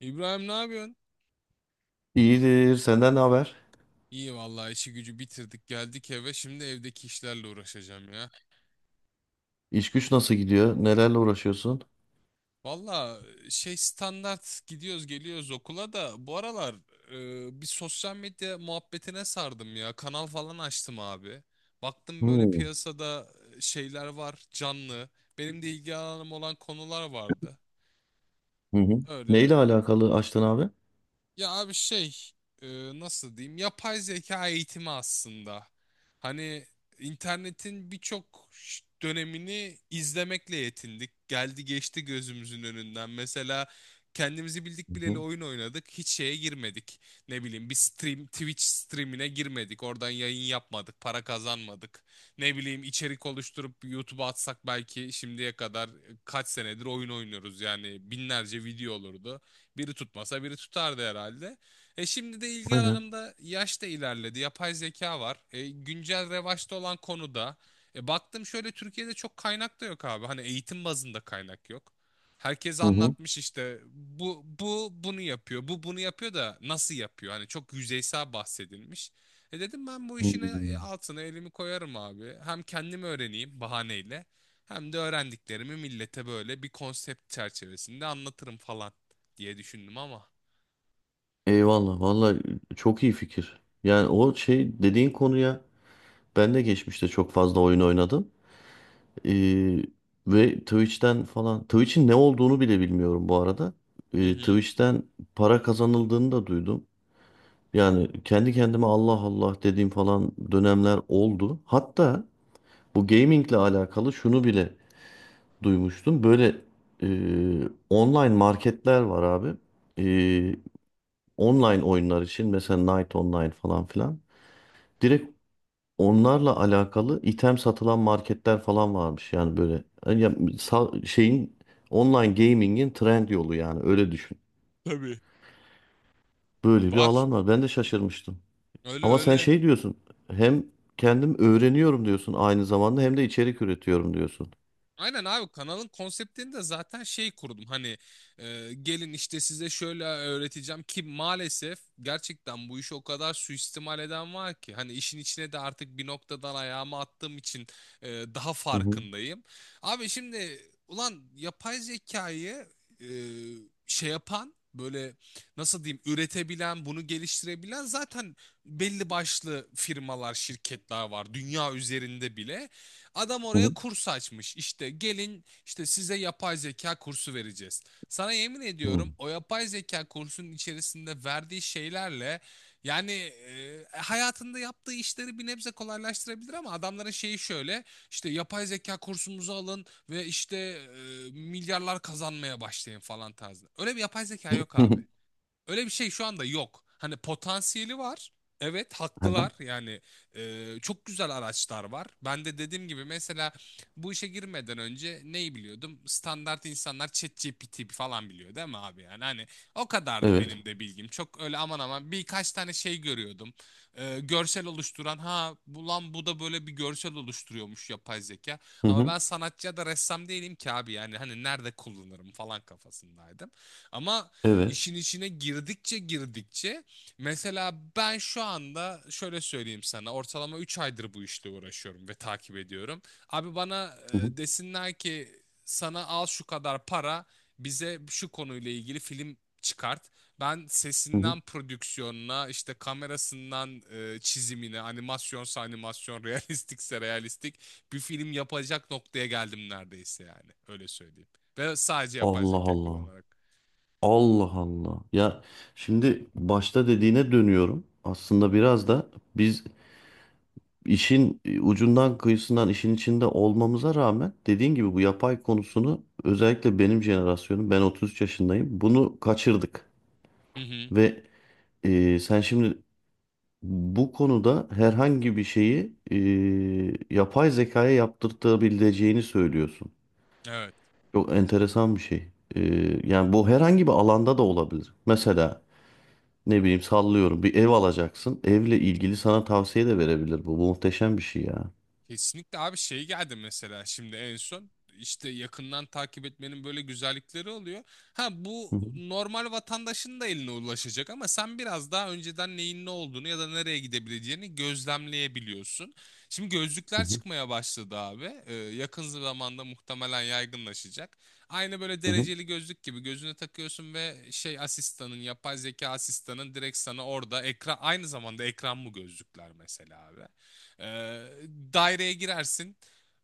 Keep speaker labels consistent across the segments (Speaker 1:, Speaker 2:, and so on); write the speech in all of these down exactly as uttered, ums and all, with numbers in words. Speaker 1: İbrahim ne yapıyorsun?
Speaker 2: İyidir. Senden ne haber?
Speaker 1: İyi vallahi işi gücü bitirdik geldik eve şimdi evdeki işlerle uğraşacağım ya.
Speaker 2: İş güç nasıl gidiyor? Nelerle uğraşıyorsun?
Speaker 1: Valla şey standart gidiyoruz geliyoruz okula da bu aralar e, bir sosyal medya muhabbetine sardım ya. Kanal falan açtım abi. Baktım böyle
Speaker 2: Hmm.
Speaker 1: piyasada e, şeyler var canlı. Benim de ilgi alanım olan konular vardı.
Speaker 2: Hı hı.
Speaker 1: Öyle.
Speaker 2: Neyle alakalı açtın abi? Hı
Speaker 1: Ya abi şey e, nasıl diyeyim yapay zeka eğitimi aslında. Hani internetin birçok ş- dönemini izlemekle yetindik. Geldi geçti gözümüzün önünden. Mesela kendimizi bildik bileli
Speaker 2: hı.
Speaker 1: oyun oynadık. Hiç şeye girmedik. Ne bileyim bir stream Twitch streamine girmedik. Oradan yayın yapmadık. Para kazanmadık. Ne bileyim içerik oluşturup YouTube'a atsak belki şimdiye kadar e, kaç senedir oyun oynuyoruz. Yani binlerce video olurdu. Biri tutmasa biri tutardı herhalde. E şimdi de ilgi
Speaker 2: Aynen.
Speaker 1: alanımda yaş da ilerledi. Yapay zeka var. E, güncel revaçta olan konuda. E, baktım şöyle Türkiye'de çok kaynak da yok abi. Hani eğitim bazında kaynak yok. Herkes
Speaker 2: Hı hı.
Speaker 1: anlatmış işte bu bu bunu yapıyor. Bu bunu yapıyor da nasıl yapıyor? Hani çok yüzeysel bahsedilmiş. E dedim ben bu işin e-
Speaker 2: Hmm.
Speaker 1: altına elimi koyarım abi. Hem kendim öğreneyim bahaneyle. Hem de öğrendiklerimi millete böyle bir konsept çerçevesinde anlatırım falan diye düşündüm ama.
Speaker 2: Eyvallah. Vallahi çok iyi fikir. Yani o şey dediğin konuya ben de geçmişte çok fazla oyun oynadım. Ee, ve Twitch'ten falan. Twitch'in ne olduğunu bile bilmiyorum bu arada.
Speaker 1: Hı
Speaker 2: Ee,
Speaker 1: hı.
Speaker 2: Twitch'ten para kazanıldığını da duydum. Yani kendi kendime Allah Allah dediğim falan dönemler oldu. Hatta bu gamingle alakalı şunu bile duymuştum. Böyle e, online marketler var abi. E, online oyunlar için mesela Night Online falan filan. Direkt onlarla alakalı item satılan marketler falan varmış. Yani böyle yani ya- sa- şeyin online gaming'in trend yolu yani öyle düşün.
Speaker 1: Tabii.
Speaker 2: Böyle bir
Speaker 1: Var.
Speaker 2: alan var. Ben de şaşırmıştım.
Speaker 1: Öyle
Speaker 2: Ama sen
Speaker 1: öyle.
Speaker 2: şey diyorsun. Hem kendim öğreniyorum diyorsun aynı zamanda hem de içerik üretiyorum diyorsun.
Speaker 1: Aynen abi kanalın konseptini de zaten şey kurdum hani e, gelin işte size şöyle öğreteceğim ki maalesef gerçekten bu işi o kadar suistimal eden var ki hani işin içine de artık bir noktadan ayağımı attığım için e, daha
Speaker 2: Hı hı.
Speaker 1: farkındayım. Abi şimdi ulan yapay zekayı e, şey yapan böyle nasıl diyeyim üretebilen bunu geliştirebilen zaten belli başlı firmalar şirketler var dünya üzerinde bile. Adam oraya
Speaker 2: Hı
Speaker 1: kurs açmış. İşte gelin işte size yapay zeka kursu vereceğiz. Sana yemin
Speaker 2: hı.
Speaker 1: ediyorum o yapay zeka kursunun içerisinde verdiği şeylerle yani e, hayatında yaptığı işleri bir nebze kolaylaştırabilir ama adamların şeyi şöyle işte yapay zeka kursumuzu alın ve işte e, milyarlar kazanmaya başlayın falan tarzı. Öyle bir yapay zeka yok
Speaker 2: Hı.
Speaker 1: abi. Öyle bir şey şu anda yok. Hani potansiyeli var. Evet haklılar yani e, çok güzel araçlar var. Ben de dediğim gibi mesela bu işe girmeden önce neyi biliyordum? Standart insanlar ChatGPT falan biliyor değil mi abi yani? Hani o kadardı
Speaker 2: Evet.
Speaker 1: benim de bilgim. Çok öyle aman aman birkaç tane şey görüyordum. E, görsel oluşturan ha bu lan bu da böyle bir görsel oluşturuyormuş yapay zeka.
Speaker 2: Hı
Speaker 1: Ama
Speaker 2: hı.
Speaker 1: ben sanatçı ya da ressam değilim ki abi yani hani nerede kullanırım falan kafasındaydım. Ama
Speaker 2: Evet.
Speaker 1: İşin içine girdikçe girdikçe mesela ben şu anda şöyle söyleyeyim sana ortalama üç aydır bu işle uğraşıyorum ve takip ediyorum. Abi bana
Speaker 2: Hı hı.
Speaker 1: e, desinler ki sana al şu kadar para bize şu konuyla ilgili film çıkart. Ben
Speaker 2: Hı hı.
Speaker 1: sesinden prodüksiyonuna işte kamerasından e, çizimine animasyonsa animasyon realistikse realistik bir film yapacak noktaya geldim neredeyse yani öyle söyleyeyim. Ve sadece yapay
Speaker 2: Allah
Speaker 1: zeka
Speaker 2: Allah.
Speaker 1: kullanarak.
Speaker 2: Allah Allah. Ya şimdi başta dediğine dönüyorum. Aslında biraz da biz işin e, ucundan kıyısından işin içinde olmamıza rağmen dediğin gibi bu yapay konusunu özellikle benim jenerasyonum ben otuz üç yaşındayım. Bunu kaçırdık
Speaker 1: Hı hı.
Speaker 2: ve e, sen şimdi bu konuda herhangi bir şeyi e, yapay zekaya yaptırtabileceğini söylüyorsun.
Speaker 1: Evet.
Speaker 2: Çok enteresan bir şey. Ee, yani bu herhangi bir alanda da olabilir. Mesela ne bileyim sallıyorum bir ev alacaksın. Evle ilgili sana tavsiye de verebilir bu. Bu muhteşem bir şey ya.
Speaker 1: Kesinlikle abi şey geldi mesela şimdi en son işte yakından takip etmenin böyle güzellikleri oluyor. Ha
Speaker 2: Hı
Speaker 1: bu
Speaker 2: hı,
Speaker 1: normal vatandaşın da eline ulaşacak ama sen biraz daha önceden neyin ne olduğunu ya da nereye gidebileceğini gözlemleyebiliyorsun. Şimdi
Speaker 2: hı
Speaker 1: gözlükler
Speaker 2: hı,
Speaker 1: çıkmaya başladı abi. Ee, yakın zamanda muhtemelen yaygınlaşacak. Aynı böyle
Speaker 2: hı hı.
Speaker 1: dereceli gözlük gibi gözüne takıyorsun ve şey asistanın yapay zeka asistanın direkt sana orada ekran aynı zamanda ekran bu gözlükler mesela abi. Ee, daireye girersin.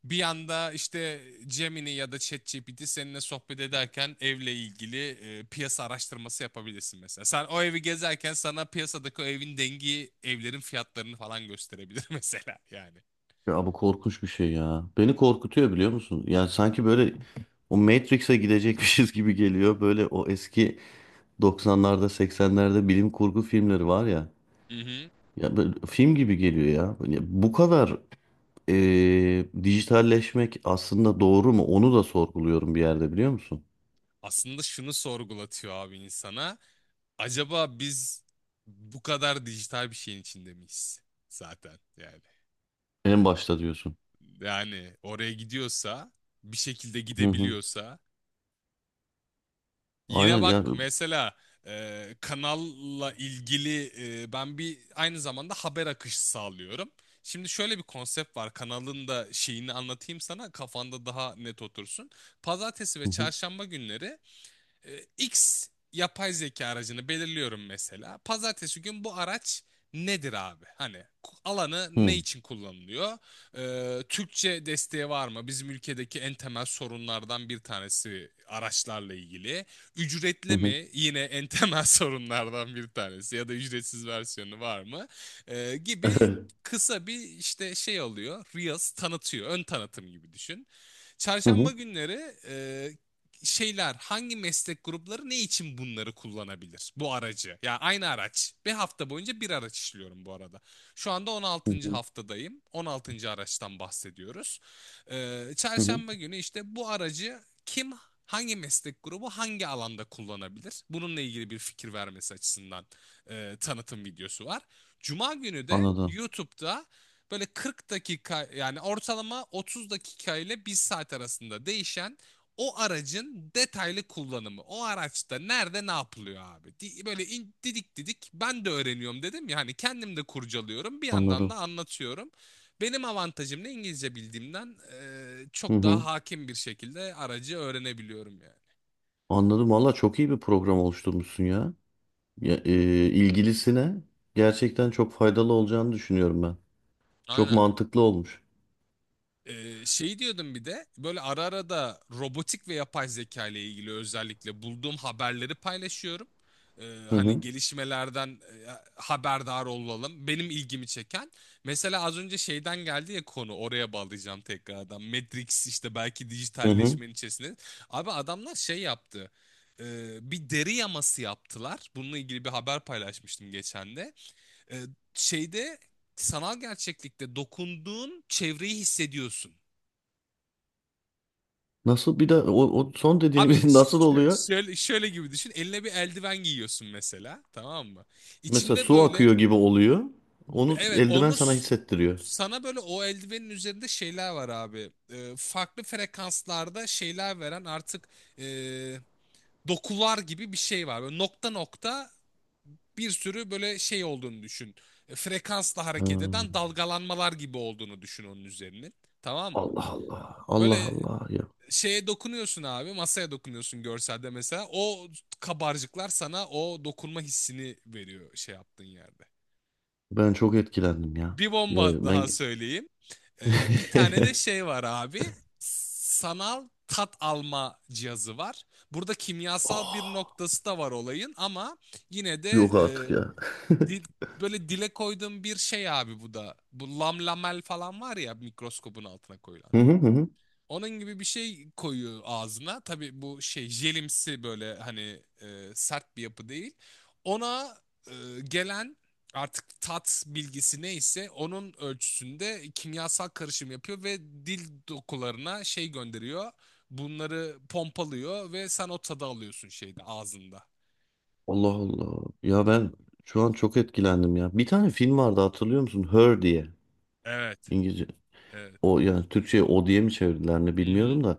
Speaker 1: Bir yanda işte Gemini ya da ChatGPT seninle sohbet ederken evle ilgili e, piyasa araştırması yapabilirsin mesela. Sen o evi gezerken sana piyasadaki o evin dengi evlerin fiyatlarını falan gösterebilir mesela yani.
Speaker 2: Ya bu korkunç bir şey ya. Beni korkutuyor biliyor musun? Yani sanki böyle o Matrix'e gidecekmişiz gibi geliyor. Böyle o eski doksanlarda seksenlerde bilim kurgu filmleri var ya.
Speaker 1: Hı hı.
Speaker 2: Ya böyle film gibi geliyor ya. Ya bu kadar e, dijitalleşmek aslında doğru mu? Onu da sorguluyorum bir yerde biliyor musun?
Speaker 1: Aslında şunu sorgulatıyor abi insana. Acaba biz bu kadar dijital bir şeyin içinde miyiz zaten yani?
Speaker 2: En başta diyorsun.
Speaker 1: Yani oraya gidiyorsa bir şekilde
Speaker 2: Hı hı.
Speaker 1: gidebiliyorsa yine
Speaker 2: Aynen ya.
Speaker 1: bak mesela e, kanalla ilgili e, ben bir aynı zamanda haber akışı sağlıyorum. Şimdi şöyle bir konsept var. Kanalın da şeyini anlatayım sana kafanda daha net otursun. Pazartesi ve
Speaker 2: Hı hı.
Speaker 1: çarşamba günleri e, X yapay zeka aracını belirliyorum mesela. Pazartesi gün bu araç nedir abi? Hani alanı
Speaker 2: Hı
Speaker 1: ne
Speaker 2: hı.
Speaker 1: için kullanılıyor? E, Türkçe desteği var mı? Bizim ülkedeki en temel sorunlardan bir tanesi araçlarla ilgili. Ücretli
Speaker 2: Hı.
Speaker 1: mi? Yine en temel sorunlardan bir tanesi ya da ücretsiz versiyonu var mı? E, gibi
Speaker 2: Evet.
Speaker 1: kısa bir işte şey alıyor. Reels tanıtıyor. Ön tanıtım gibi düşün.
Speaker 2: Hı
Speaker 1: Çarşamba
Speaker 2: hı.
Speaker 1: günleri e, şeyler hangi meslek grupları ne için bunları kullanabilir? Bu aracı. Ya aynı araç. Bir hafta boyunca bir araç işliyorum bu arada. Şu anda on
Speaker 2: Hı
Speaker 1: altıncı
Speaker 2: hı.
Speaker 1: haftadayım. On altıncı araçtan bahsediyoruz. E,
Speaker 2: Hı hı.
Speaker 1: çarşamba günü işte bu aracı kim hangi meslek grubu hangi alanda kullanabilir? Bununla ilgili bir fikir vermesi açısından e, tanıtım videosu var. Cuma günü de
Speaker 2: Anladım.
Speaker 1: YouTube'da böyle kırk dakika yani ortalama otuz dakika ile bir saat arasında değişen o aracın detaylı kullanımı. O araçta nerede ne yapılıyor abi? Di- Böyle in- didik didik ben de öğreniyorum dedim ya hani kendim de kurcalıyorum bir yandan da
Speaker 2: Anladım.
Speaker 1: anlatıyorum. Benim avantajım ne İngilizce bildiğimden eee,
Speaker 2: Hı
Speaker 1: çok daha
Speaker 2: hı.
Speaker 1: hakim bir şekilde aracı öğrenebiliyorum yani.
Speaker 2: Anladım. Valla çok iyi bir program oluşturmuşsun ya. Ya, e, ilgilisine gerçekten çok faydalı olacağını düşünüyorum ben. Çok
Speaker 1: Aynen.
Speaker 2: mantıklı olmuş.
Speaker 1: Ee, şey diyordum bir de böyle ara ara da robotik ve yapay zeka ile ilgili özellikle bulduğum haberleri paylaşıyorum. Ee,
Speaker 2: Hı
Speaker 1: hani
Speaker 2: hı.
Speaker 1: gelişmelerden e, haberdar olalım. Benim ilgimi çeken. Mesela az önce şeyden geldi ya konu oraya bağlayacağım tekrardan. Matrix işte belki
Speaker 2: Hı hı.
Speaker 1: dijitalleşmenin içerisinde. Abi adamlar şey yaptı. Ee, bir deri yaması yaptılar. Bununla ilgili bir haber paylaşmıştım geçen de. Ee, şeyde sanal gerçeklikte dokunduğun çevreyi hissediyorsun.
Speaker 2: Nasıl bir de o, o son
Speaker 1: Abi
Speaker 2: dediğiniz nasıl oluyor?
Speaker 1: şö- şöyle, şöyle gibi düşün. Eline bir eldiven giyiyorsun mesela. Tamam mı?
Speaker 2: Mesela
Speaker 1: İçinde
Speaker 2: su
Speaker 1: böyle
Speaker 2: akıyor gibi oluyor. Onu
Speaker 1: evet,
Speaker 2: eldiven
Speaker 1: onu
Speaker 2: sana
Speaker 1: s-
Speaker 2: hissettiriyor.
Speaker 1: sana böyle o eldivenin üzerinde şeyler var abi. Ee, farklı frekanslarda şeyler veren artık ee, dokular gibi bir şey var. Böyle nokta nokta bir sürü böyle şey olduğunu düşün. E, frekansla
Speaker 2: Ha,
Speaker 1: hareket eden dalgalanmalar gibi olduğunu düşün onun üzerinin. Tamam mı?
Speaker 2: Allah Allah. Allah
Speaker 1: Böyle
Speaker 2: Allah ya.
Speaker 1: şeye dokunuyorsun abi, masaya dokunuyorsun görselde mesela, o kabarcıklar sana o dokunma hissini veriyor şey yaptığın yerde.
Speaker 2: Ben çok etkilendim ya.
Speaker 1: Bir bomba
Speaker 2: Ya ben
Speaker 1: daha söyleyeyim. Ee, bir tane de şey var abi, sanal tat alma cihazı var. Burada kimyasal bir
Speaker 2: oh,
Speaker 1: noktası da var olayın ama yine de
Speaker 2: yok
Speaker 1: e,
Speaker 2: artık ya.
Speaker 1: dil- böyle dile koyduğum bir şey abi bu da. Bu lamlamel falan var ya mikroskopun altına koyulan.
Speaker 2: Hı hı hı. Hı.
Speaker 1: Onun gibi bir şey koyuyor ağzına. Tabii bu şey jelimsi böyle hani e, sert bir yapı değil. Ona e, gelen artık tat bilgisi neyse onun ölçüsünde kimyasal karışım yapıyor ve dil dokularına şey gönderiyor. Bunları pompalıyor ve sen o tadı alıyorsun şeyde ağzında.
Speaker 2: Allah Allah. Ya ben şu an çok etkilendim ya. Bir tane film vardı hatırlıyor musun? Her diye.
Speaker 1: Evet,
Speaker 2: İngilizce.
Speaker 1: evet.
Speaker 2: O yani Türkçe'ye o diye mi çevirdiler ne
Speaker 1: Hı hı.
Speaker 2: bilmiyorum da.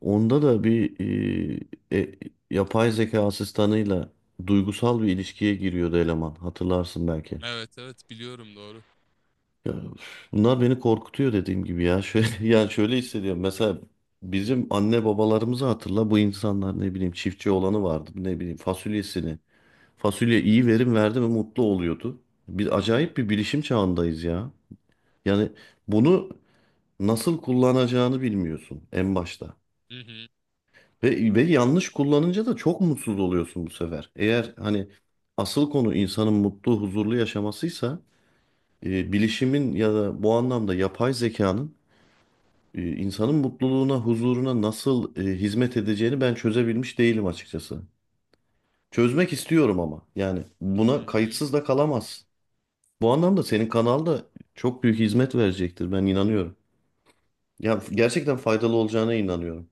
Speaker 2: Onda da bir e, e, yapay zeka asistanıyla duygusal bir ilişkiye giriyordu eleman. Hatırlarsın belki.
Speaker 1: Evet, evet biliyorum doğru.
Speaker 2: Ya, üf, bunlar beni korkutuyor dediğim gibi ya. Şöyle, yani şöyle hissediyorum. Mesela bizim anne babalarımızı hatırla. Bu insanlar ne bileyim çiftçi olanı vardı. Ne bileyim fasulyesini. Fasulye iyi verim verdi mi mutlu oluyordu. Bir
Speaker 1: Hı hı.
Speaker 2: acayip bir bilişim çağındayız ya. Yani bunu nasıl kullanacağını bilmiyorsun en başta.
Speaker 1: Hı hı.
Speaker 2: Ve, ve yanlış kullanınca da çok mutsuz oluyorsun bu sefer. Eğer hani asıl konu insanın mutlu, huzurlu yaşamasıysa e, bilişimin ya da bu anlamda yapay zekanın e, insanın mutluluğuna, huzuruna nasıl e, hizmet edeceğini ben çözebilmiş değilim açıkçası. Çözmek istiyorum ama yani
Speaker 1: Hı
Speaker 2: buna
Speaker 1: hı.
Speaker 2: kayıtsız da kalamaz. Bu anlamda senin kanal da çok büyük hizmet verecektir ben inanıyorum. Ya gerçekten faydalı olacağına inanıyorum.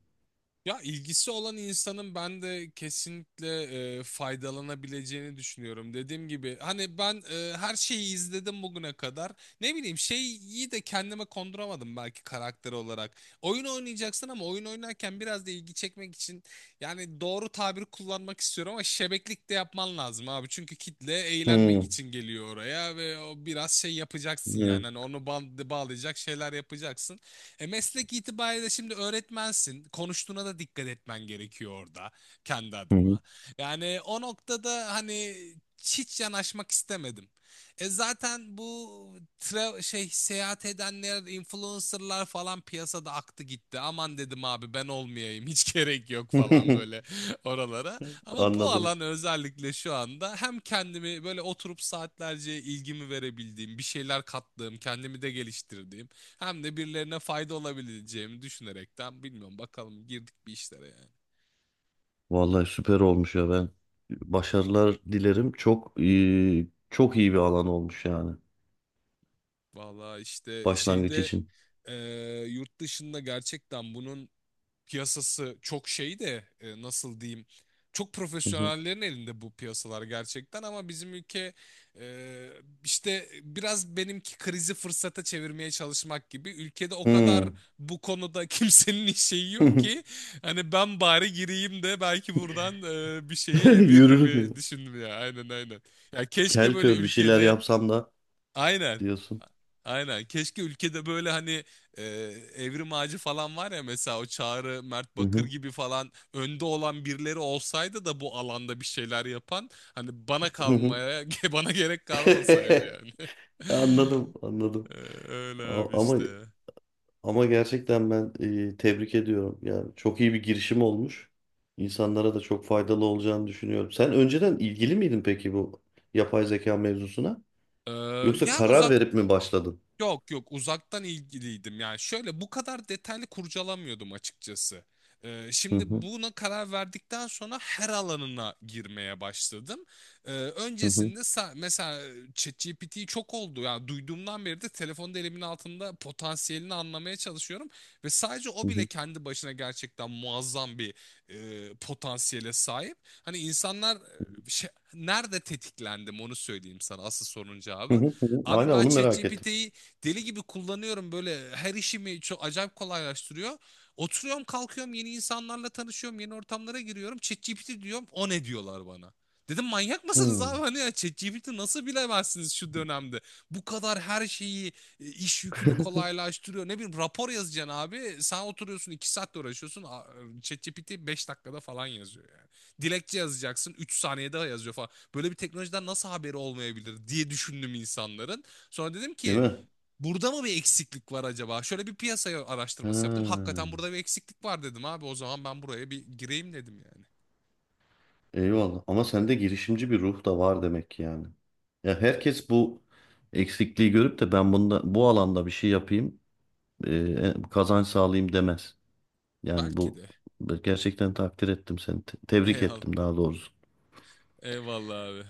Speaker 1: Ya ilgisi olan insanın ben de kesinlikle e, faydalanabileceğini düşünüyorum. Dediğim gibi hani ben e, her şeyi izledim bugüne kadar. Ne bileyim şeyi de kendime konduramadım belki karakter olarak. Oyun oynayacaksın ama oyun oynarken biraz da ilgi çekmek için yani doğru tabiri kullanmak istiyorum ama şebeklik de yapman lazım abi. Çünkü kitle eğlenmek
Speaker 2: Hmm,
Speaker 1: için geliyor oraya ve o biraz şey yapacaksın yani.
Speaker 2: evet.
Speaker 1: Hani onu ba- bağlayacak şeyler yapacaksın. E meslek itibariyle şimdi öğretmensin. Konuştuğuna da dikkat etmen gerekiyor orada kendi
Speaker 2: Hı hı.
Speaker 1: adıma. Yani o noktada hani hiç yanaşmak istemedim. E zaten bu tra- şey seyahat edenler, influencerlar falan piyasada aktı gitti. Aman dedim abi ben olmayayım. Hiç gerek yok falan böyle oralara. Ama bu
Speaker 2: Anladım.
Speaker 1: alan özellikle şu anda hem kendimi böyle oturup saatlerce ilgimi verebildiğim, bir şeyler kattığım, kendimi de geliştirdiğim hem de birilerine fayda olabileceğimi düşünerekten bilmiyorum, bakalım girdik bir işlere yani.
Speaker 2: Vallahi süper olmuş ya ben başarılar dilerim. Çok eee, çok iyi bir alan olmuş yani
Speaker 1: Valla işte
Speaker 2: başlangıç
Speaker 1: şeyde
Speaker 2: için.
Speaker 1: eee, yurt dışında gerçekten bunun piyasası çok şey de e, nasıl diyeyim çok
Speaker 2: Hı hı.
Speaker 1: profesyonellerin elinde bu piyasalar gerçekten, ama bizim ülke e, işte biraz benimki krizi fırsata çevirmeye çalışmak gibi, ülkede o kadar
Speaker 2: Hmm.
Speaker 1: bu konuda kimsenin şeyi yok ki hani ben bari gireyim de belki buradan e, bir şeyi eviririm
Speaker 2: Yürürüm
Speaker 1: mi
Speaker 2: diyor.
Speaker 1: düşündüm ya. Aynen aynen. Ya keşke
Speaker 2: Kel
Speaker 1: böyle
Speaker 2: kör bir şeyler
Speaker 1: ülkede.
Speaker 2: yapsam da
Speaker 1: Aynen.
Speaker 2: diyorsun.
Speaker 1: Aynen. Keşke ülkede böyle hani e, Evrim Ağacı falan var ya mesela, o Çağrı, Mert
Speaker 2: Hı
Speaker 1: Bakır
Speaker 2: hı.
Speaker 1: gibi falan önde olan birileri olsaydı da bu alanda bir şeyler yapan hani bana
Speaker 2: Hı hı.
Speaker 1: kalmaya bana gerek kalmasaydı yani.
Speaker 2: Anladım, anladım.
Speaker 1: E, Öyle abi
Speaker 2: A- ama
Speaker 1: işte.
Speaker 2: ama gerçekten ben eee, tebrik ediyorum. Yani çok iyi bir girişim olmuş. İnsanlara da çok faydalı olacağını düşünüyorum. Sen önceden ilgili miydin peki bu yapay zeka mevzusuna?
Speaker 1: E,
Speaker 2: Yoksa
Speaker 1: yani
Speaker 2: karar
Speaker 1: uzak
Speaker 2: verip mi başladın?
Speaker 1: Yok, yok, uzaktan ilgiliydim. Yani şöyle bu kadar detaylı kurcalamıyordum açıkçası. Ee,
Speaker 2: Hı
Speaker 1: şimdi
Speaker 2: hı,
Speaker 1: buna karar verdikten sonra her alanına girmeye başladım. Ee,
Speaker 2: hı hı,
Speaker 1: öncesinde sa- mesela ChatGPT çok oldu. Yani duyduğumdan beri de telefonda elimin altında potansiyelini anlamaya çalışıyorum. Ve sadece
Speaker 2: hı
Speaker 1: o bile
Speaker 2: hı,
Speaker 1: kendi başına gerçekten muazzam bir e, potansiyele sahip. Hani insanlar e, şey, nerede tetiklendim onu söyleyeyim sana asıl sorunun
Speaker 2: hı
Speaker 1: cevabı.
Speaker 2: hı, hı hı.
Speaker 1: Abi
Speaker 2: Hala
Speaker 1: ben
Speaker 2: onu merak ettim.
Speaker 1: ChatGPT'yi deli gibi kullanıyorum böyle, her işimi çok acayip kolaylaştırıyor. Oturuyorum kalkıyorum yeni insanlarla tanışıyorum yeni ortamlara giriyorum. ChatGPT diyorum, o ne diyorlar bana. Dedim manyak mısınız abi
Speaker 2: Hmm.
Speaker 1: hani ya, ChatGPT nasıl bilemezsiniz şu dönemde. Bu kadar her şeyi e, iş yükünü kolaylaştırıyor. Ne bileyim rapor yazacaksın abi sen oturuyorsun iki saatte uğraşıyorsun. A- ChatGPT beş dakikada falan yazıyor yani. Dilekçe yazacaksın üç saniyede yazıyor falan. Böyle bir teknolojiden nasıl haberi olmayabilir diye düşündüm insanların. Sonra dedim
Speaker 2: Değil
Speaker 1: ki
Speaker 2: mi?
Speaker 1: burada mı bir eksiklik var acaba? Şöyle bir piyasaya araştırması yaptım.
Speaker 2: Ha,
Speaker 1: Hakikaten burada bir eksiklik var dedim abi. O zaman ben buraya bir gireyim dedim yani.
Speaker 2: eyvallah. Ama sende girişimci bir ruh da var demek ki yani. Ya herkes bu eksikliği görüp de ben bunda bu alanda bir şey yapayım, e, kazanç sağlayayım demez. Yani
Speaker 1: Belki
Speaker 2: bu
Speaker 1: de.
Speaker 2: gerçekten takdir ettim seni. te- tebrik
Speaker 1: Eyvallah.
Speaker 2: ettim daha doğrusu.
Speaker 1: Eyvallah abi.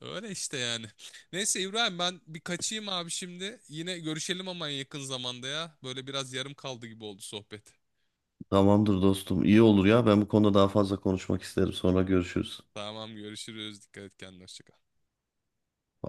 Speaker 1: Öyle işte yani. Neyse İbrahim ben bir kaçayım abi şimdi. Yine görüşelim ama en yakın zamanda ya. Böyle biraz yarım kaldı gibi oldu sohbet.
Speaker 2: Tamamdır dostum. İyi olur ya. Ben bu konuda daha fazla konuşmak isterim. Sonra görüşürüz.
Speaker 1: Tamam görüşürüz. Dikkat et kendine. Hoşça kal.